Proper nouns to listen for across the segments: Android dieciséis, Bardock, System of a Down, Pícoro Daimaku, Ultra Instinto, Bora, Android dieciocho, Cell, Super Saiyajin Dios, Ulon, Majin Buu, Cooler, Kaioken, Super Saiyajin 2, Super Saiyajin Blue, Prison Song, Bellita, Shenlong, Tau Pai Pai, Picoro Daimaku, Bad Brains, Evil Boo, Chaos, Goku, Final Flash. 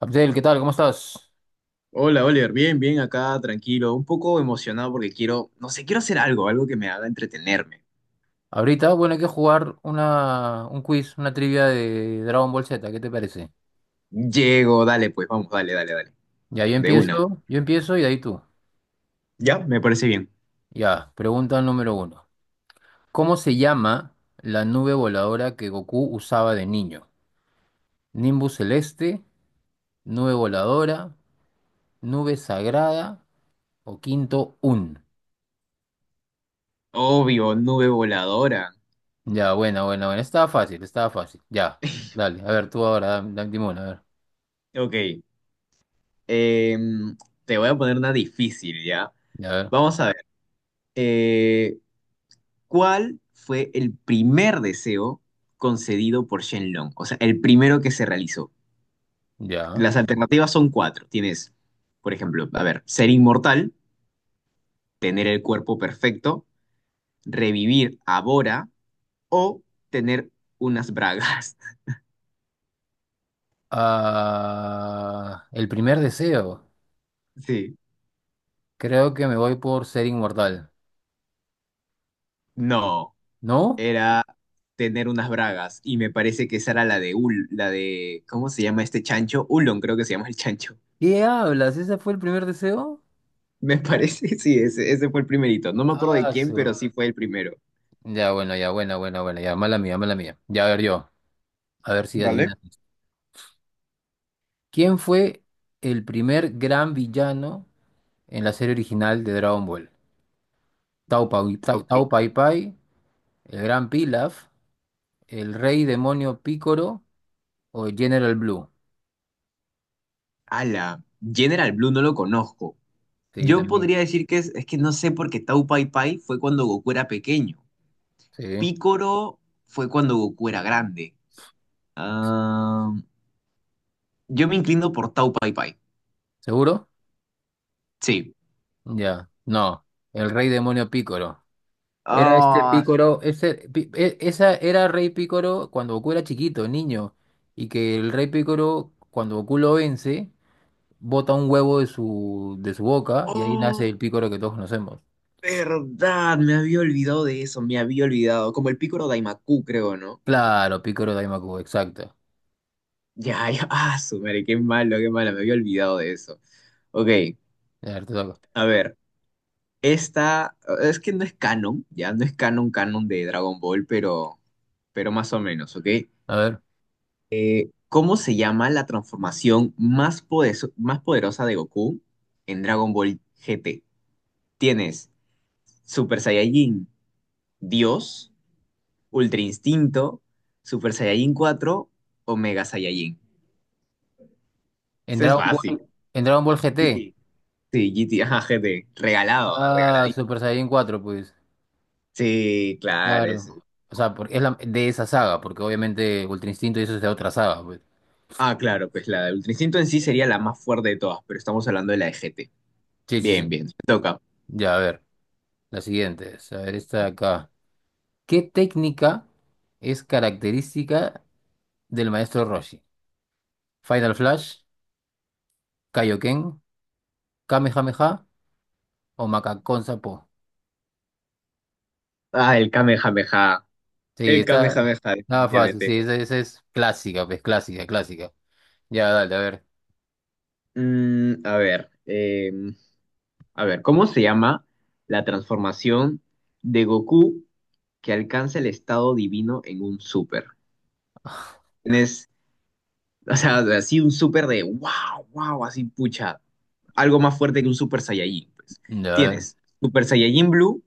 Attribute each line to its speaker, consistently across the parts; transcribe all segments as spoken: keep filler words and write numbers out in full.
Speaker 1: Abdel, ¿qué tal? ¿Cómo estás?
Speaker 2: Hola, Oliver, bien, bien, acá, tranquilo, un poco emocionado porque quiero, no sé, quiero hacer algo, algo que me haga entretenerme.
Speaker 1: Ahorita, bueno, hay que jugar una, un quiz, una trivia de Dragon Ball Z, ¿qué te parece?
Speaker 2: Llego, dale, pues, vamos, dale, dale, dale.
Speaker 1: Ya, yo
Speaker 2: De una.
Speaker 1: empiezo, yo empiezo y de ahí tú.
Speaker 2: Ya, me parece bien.
Speaker 1: Ya, pregunta número uno. ¿Cómo se llama la nube voladora que Goku usaba de niño? ¿Nimbus celeste, nube voladora, nube sagrada o quinto Un?
Speaker 2: Obvio, nube voladora.
Speaker 1: Ya, buena, buena, buena. Estaba fácil, estaba fácil. Ya, dale, a ver, tú ahora, dame, dime una, a ver,
Speaker 2: Ok, em, te voy a poner una difícil, ¿ya?
Speaker 1: a ver,
Speaker 2: Vamos a ver. eh, ¿cuál fue el primer deseo concedido por Shenlong? O sea, el primero que se realizó.
Speaker 1: ya.
Speaker 2: Las alternativas son cuatro. Tienes, por ejemplo, a ver, ser inmortal, tener el cuerpo perfecto, revivir a Bora o tener unas bragas.
Speaker 1: Ah, el primer deseo.
Speaker 2: Sí,
Speaker 1: Creo que me voy por ser inmortal.
Speaker 2: no,
Speaker 1: ¿No?
Speaker 2: era tener unas bragas y me parece que esa era la de Ul, la de, ¿cómo se llama este chancho? Ulon creo que se llama el chancho.
Speaker 1: ¿Qué hablas? ¿Ese fue el primer deseo?
Speaker 2: Me parece, sí, ese, ese fue el primerito. No me acuerdo de
Speaker 1: Ah,
Speaker 2: quién, pero
Speaker 1: su.
Speaker 2: sí fue el primero.
Speaker 1: Ya, bueno, ya, bueno, bueno, bueno. Ya, mala mía, mala mía. Ya, a ver yo. A ver si
Speaker 2: Vale.
Speaker 1: adivinas. ¿Quién fue el primer gran villano en la serie original de Dragon Ball? Tao Pau, Tao,
Speaker 2: Ok.
Speaker 1: Tao Pai Pai, el Gran Pilaf, el Rey Demonio Picoro o General Blue.
Speaker 2: Ala, General Blue no lo conozco.
Speaker 1: Sí,
Speaker 2: Yo
Speaker 1: también.
Speaker 2: podría decir que es, es que no sé porque Tau Pai Pai fue cuando Goku era pequeño.
Speaker 1: Sí.
Speaker 2: Picoro fue cuando Goku era grande. Ah, yo me inclino por Tau Pai Pai.
Speaker 1: ¿Seguro?
Speaker 2: Sí.
Speaker 1: Ya, no, el rey demonio Pícoro. Era este
Speaker 2: Ah,
Speaker 1: Pícoro, ese, Pi- e- esa era rey Pícoro cuando Goku era chiquito, niño, y que el rey Pícoro, cuando Goku lo vence, bota un huevo de su, de su boca y ahí
Speaker 2: oh,
Speaker 1: nace el Pícoro que todos conocemos.
Speaker 2: verdad. Me había olvidado de eso. Me había olvidado. Como el Picoro Daimaku, creo, ¿no?
Speaker 1: Claro, Pícoro Daimaku, exacto.
Speaker 2: Ya, ya. Ah, su madre, qué malo, qué malo. Me había olvidado de eso. Ok,
Speaker 1: A ver, te toca.
Speaker 2: a ver. Esta es que no es canon, ya no es canon, canon de Dragon Ball, pero, pero más o menos, ¿ok?
Speaker 1: A ver,
Speaker 2: Eh, ¿cómo se llama la transformación más, podeso- más poderosa de Goku en Dragon Ball G T? Tienes Super Saiyajin Dios, Ultra Instinto, Super Saiyajin cuatro o Mega Saiyajin.
Speaker 1: en
Speaker 2: Eso es
Speaker 1: Dragon
Speaker 2: fácil.
Speaker 1: Ball, en Dragon Ball G T.
Speaker 2: G T. Sí, G T, ajá, G T. Regalado, ah,
Speaker 1: Ah,
Speaker 2: regaladito.
Speaker 1: Super Saiyan cuatro, pues.
Speaker 2: Sí, claro. es-
Speaker 1: Claro. O sea, porque es la- de esa saga, porque obviamente Ultra Instinto y eso es de otra saga, pues.
Speaker 2: Ah, claro, pues la de Ultra Instinto en sí sería la más fuerte de todas, pero estamos hablando de la de G T.
Speaker 1: Sí, sí,
Speaker 2: Bien,
Speaker 1: sí.
Speaker 2: bien, me toca.
Speaker 1: Ya, a ver, la siguiente es, a ver, esta de acá. ¿Qué técnica es característica del maestro Roshi? ¿Final Flash, Kaioken, Kamehameha o Makakon Sapo?
Speaker 2: Ah, el Kamehameha.
Speaker 1: Sí,
Speaker 2: El
Speaker 1: está
Speaker 2: Kamehameha,
Speaker 1: nada fácil,
Speaker 2: definitivamente.
Speaker 1: sí, esa, esa es clásica, pues clásica, clásica. Ya, dale, a ver.
Speaker 2: Mm, a ver, eh, a ver, ¿cómo se llama la transformación de Goku que alcanza el estado divino en un super? Tienes, o sea, así un super de wow, wow, así pucha, algo más fuerte que un Super Saiyajin, pues.
Speaker 1: Ya, a ver.
Speaker 2: Tienes Super Saiyajin Blue,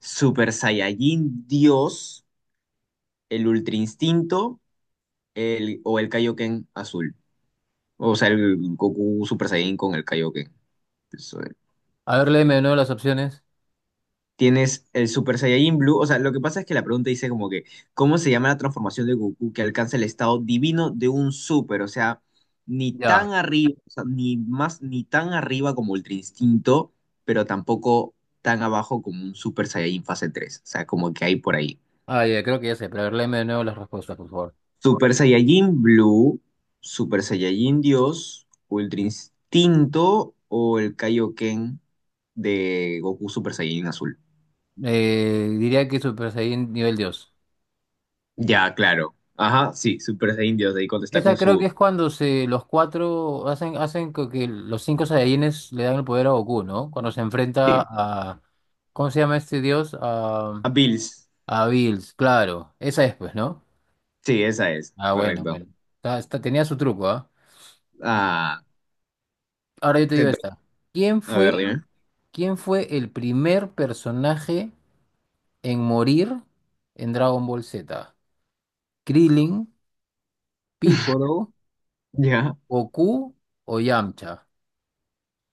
Speaker 2: Super Saiyajin Dios, el Ultra Instinto, el, o el Kaioken azul. O sea, el Goku Super Saiyajin con el Kaioken.
Speaker 1: A ver, léeme de nuevo las opciones.
Speaker 2: Tienes el Super Saiyajin Blue. O sea, lo que pasa es que la pregunta dice como que, ¿cómo se llama la transformación de Goku que alcanza el estado divino de un Super? O sea, ni tan
Speaker 1: Ya.
Speaker 2: arriba, o sea, ni más, ni tan arriba como Ultra Instinto, pero tampoco tan abajo como un Super Saiyajin fase tres, O sea, como que hay por ahí.
Speaker 1: Ah, ya, creo que ya sé, pero a ver, léeme de nuevo las respuestas, por favor.
Speaker 2: Super Saiyajin Blue, Super Saiyajin Dios, Ultra Instinto o el Kaioken de Goku Super Saiyajin Azul.
Speaker 1: Eh, diría que Super Saiyan nivel dos.
Speaker 2: Ya, claro. Ajá, sí, Super de Indios, ahí cuando está con
Speaker 1: Esa creo que
Speaker 2: su...
Speaker 1: es cuando se, los cuatro hacen, hacen co- que los cinco Saiyajines le dan el poder a Goku, ¿no? Cuando se
Speaker 2: Sí,
Speaker 1: enfrenta a... ¿Cómo se llama este dios? A,
Speaker 2: a Bills.
Speaker 1: a Bills, claro. Esa es, pues, ¿no?
Speaker 2: Sí, esa es,
Speaker 1: Ah, bueno,
Speaker 2: correcto.
Speaker 1: bueno. Está- está- tenía su truco, ¿ah?
Speaker 2: Ah,
Speaker 1: Ahora yo te
Speaker 2: te
Speaker 1: digo
Speaker 2: to-
Speaker 1: esta. ¿Quién
Speaker 2: a ver,
Speaker 1: fue,
Speaker 2: dime.
Speaker 1: ¿quién fue el primer personaje en morir en Dragon Ball Z? ¿Krillin, Piccolo,
Speaker 2: Ya,
Speaker 1: Goku o Yamcha?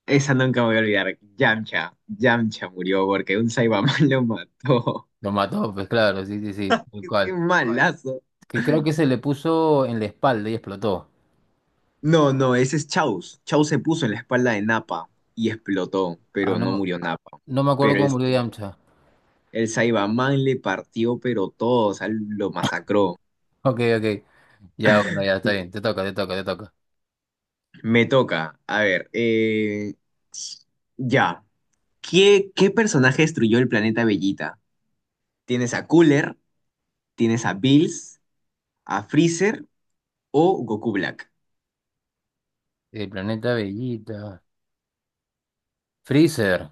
Speaker 2: esa nunca me voy a olvidar. Yamcha, Yamcha murió porque un Saibaman lo mató.
Speaker 1: Lo mató, pues claro, sí, sí, sí, tal
Speaker 2: Qué
Speaker 1: cual.
Speaker 2: malazo.
Speaker 1: Que creo que se le puso en la espalda y explotó.
Speaker 2: No, no, ese es Chaos. Chaos se puso en la espalda de Nappa y explotó,
Speaker 1: Ah,
Speaker 2: pero
Speaker 1: no,
Speaker 2: no
Speaker 1: me-
Speaker 2: murió Nappa.
Speaker 1: no me acuerdo
Speaker 2: Pero
Speaker 1: cómo
Speaker 2: el,
Speaker 1: murió Yamcha.
Speaker 2: el Saibaman le partió, pero todo, o sea, lo masacró.
Speaker 1: Ok, ok. Ya, bueno, ya está bien. Te toca, te toca, te toca.
Speaker 2: Me toca. A ver, eh, ya. ¿Qué, qué personaje destruyó el planeta Bellita? ¿Tienes a Cooler? ¿Tienes a Bills? ¿A Freezer o Goku Black?
Speaker 1: El planeta Bellita. Freezer.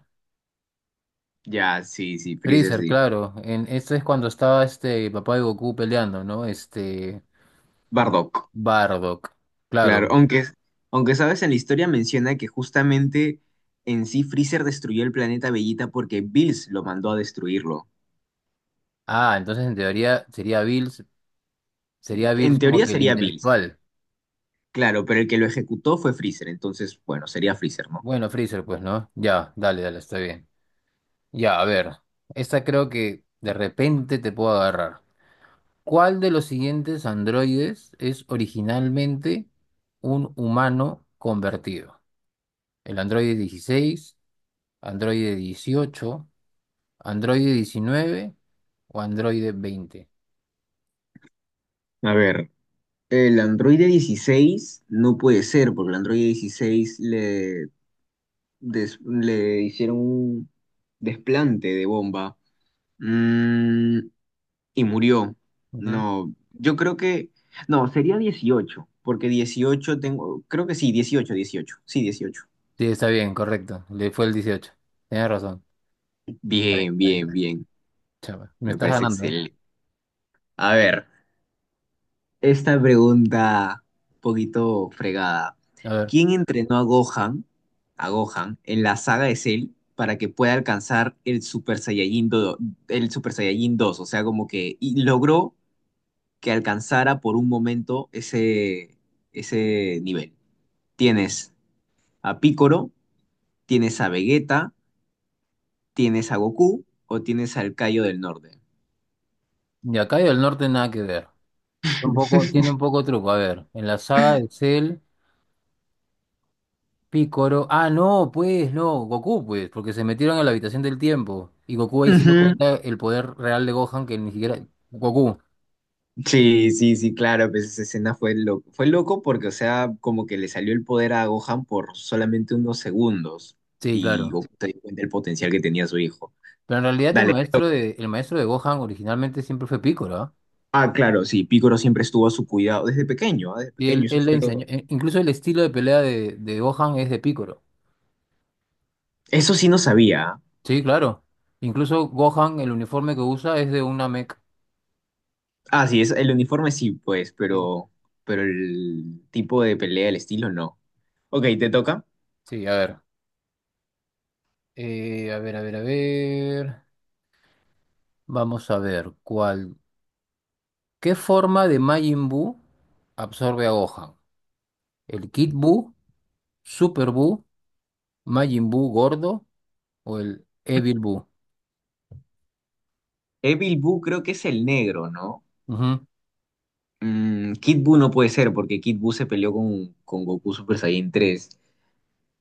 Speaker 2: Ya, sí, sí, Freezer,
Speaker 1: Freezer,
Speaker 2: sí.
Speaker 1: claro. En, esto es cuando estaba este papá de Goku peleando, ¿no? Este.
Speaker 2: Bardock,
Speaker 1: Bardock.
Speaker 2: claro.
Speaker 1: Claro.
Speaker 2: Aunque, aunque sabes, en la historia menciona que justamente en sí Freezer destruyó el planeta Bellita porque Bills lo mandó a destruirlo.
Speaker 1: Ah, entonces en teoría sería Bills. Sería Bills
Speaker 2: En
Speaker 1: como
Speaker 2: teoría
Speaker 1: que el
Speaker 2: sería Bills,
Speaker 1: intelectual.
Speaker 2: claro, pero el que lo ejecutó fue Freezer, entonces, bueno, sería Freezer, ¿no?
Speaker 1: Bueno, Freezer, pues, ¿no? Ya, dale, dale, está bien. Ya, a ver. Esta creo que de repente te puedo agarrar. ¿Cuál de los siguientes androides es originalmente un humano convertido? ¿El androide dieciséis, androide dieciocho, androide diecinueve o androide veinte?
Speaker 2: A ver. El Android dieciséis no puede ser, porque el Android dieciséis le, des- le hicieron un desplante de bomba, Mm, y murió.
Speaker 1: Ujú.
Speaker 2: No, yo creo que... No, sería dieciocho porque dieciocho tengo... Creo que sí, dieciocho, dieciocho. Sí, dieciocho.
Speaker 1: Sí, está bien, correcto. Le fue el dieciocho. Tienes razón. Está bien,
Speaker 2: Bien,
Speaker 1: está bien,
Speaker 2: bien,
Speaker 1: está bien.
Speaker 2: bien.
Speaker 1: Chapa, me
Speaker 2: Me
Speaker 1: estás
Speaker 2: parece
Speaker 1: ganando, ¿eh?
Speaker 2: excelente. A ver, esta pregunta un poquito fregada.
Speaker 1: A ver.
Speaker 2: ¿Quién entrenó a Gohan, a Gohan en la saga de Cell para que pueda alcanzar el Super Saiyajin dos, el Super Saiyajin dos? O sea, como que y logró que alcanzara por un momento ese, ese nivel. Tienes a Piccolo, tienes a Vegeta, tienes a Goku o tienes al Cayo del Norte.
Speaker 1: Y acá y del norte nada que ver. Está un poco, tiene un poco de truco. A ver, en la saga de Cell, Picoro. Ah, no, pues, no, Goku, pues, porque se metieron a la habitación del tiempo. Y Goku ahí se dio
Speaker 2: Ujú.
Speaker 1: cuenta el poder real de Gohan, que ni siquiera. Goku,
Speaker 2: Sí, sí, sí, claro, pues esa escena fue loco, fue loco porque, o sea, como que le salió el poder a Gohan por solamente unos segundos
Speaker 1: sí,
Speaker 2: y
Speaker 1: claro.
Speaker 2: Goku se dio cuenta del potencial que tenía su hijo.
Speaker 1: Pero en realidad el
Speaker 2: Dale.
Speaker 1: maestro de, el maestro de Gohan originalmente siempre fue Picoro, ¿ah?
Speaker 2: Ah, claro, sí, Piccolo siempre estuvo a su cuidado desde pequeño, ah, desde
Speaker 1: Y él,
Speaker 2: pequeño, eso
Speaker 1: él le
Speaker 2: fue
Speaker 1: enseñó.
Speaker 2: lo...
Speaker 1: e- Incluso el estilo de pelea de, de Gohan es de Picoro.
Speaker 2: Eso sí no sabía. Ah,
Speaker 1: Sí, claro. Incluso Gohan, el uniforme que usa es de una mech.
Speaker 2: Ah, sí, es, el uniforme sí, pues,
Speaker 1: Sí,
Speaker 2: pero, pero el tipo de pelea, el estilo no. Ok, te toca.
Speaker 1: Sí, a ver. Eh, a ver, a ver, a ver. Vamos a ver cuál. ¿Qué forma de Majin Buu absorbe a Gohan? ¿El Kid Buu, Super Buu, Majin Buu gordo o el Evil Buu?
Speaker 2: Evil Boo creo que es el negro, ¿no?
Speaker 1: Ujú,
Speaker 2: Mm, Kid Buu no puede ser porque Kid Buu se peleó con, con Goku Super Saiyan tres.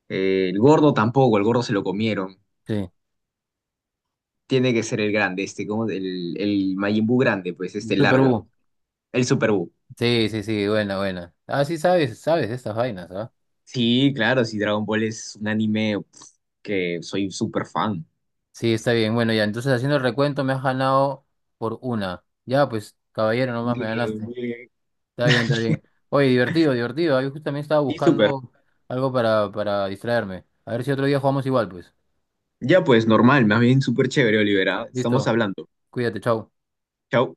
Speaker 2: Eh, el gordo tampoco, el gordo se lo comieron.
Speaker 1: sí,
Speaker 2: Tiene que ser el grande, este, como el, el Majin Buu grande, pues, este
Speaker 1: Super Mira,
Speaker 2: largo.
Speaker 1: Buu.
Speaker 2: El Super Buu.
Speaker 1: Sí, sí, sí, buena, buena. Ah, sí, sabes, sabes de estas vainas, ¿ah?
Speaker 2: Sí, claro, sí, Dragon Ball es un anime pf, que soy súper fan.
Speaker 1: Sí, está bien. Bueno, ya, entonces haciendo el recuento me has ganado por una. Ya, pues, caballero, nomás me
Speaker 2: Bien,
Speaker 1: ganaste.
Speaker 2: bien.
Speaker 1: Está bien, está bien. Oye, divertido, divertido. Ah, yo justamente estaba
Speaker 2: Sí, súper.
Speaker 1: buscando algo para, para distraerme. A ver si otro día jugamos igual, pues.
Speaker 2: Ya pues, normal, más bien súper chévere, Olivera. Estamos
Speaker 1: Listo,
Speaker 2: hablando.
Speaker 1: cuídate, chao.
Speaker 2: Chao.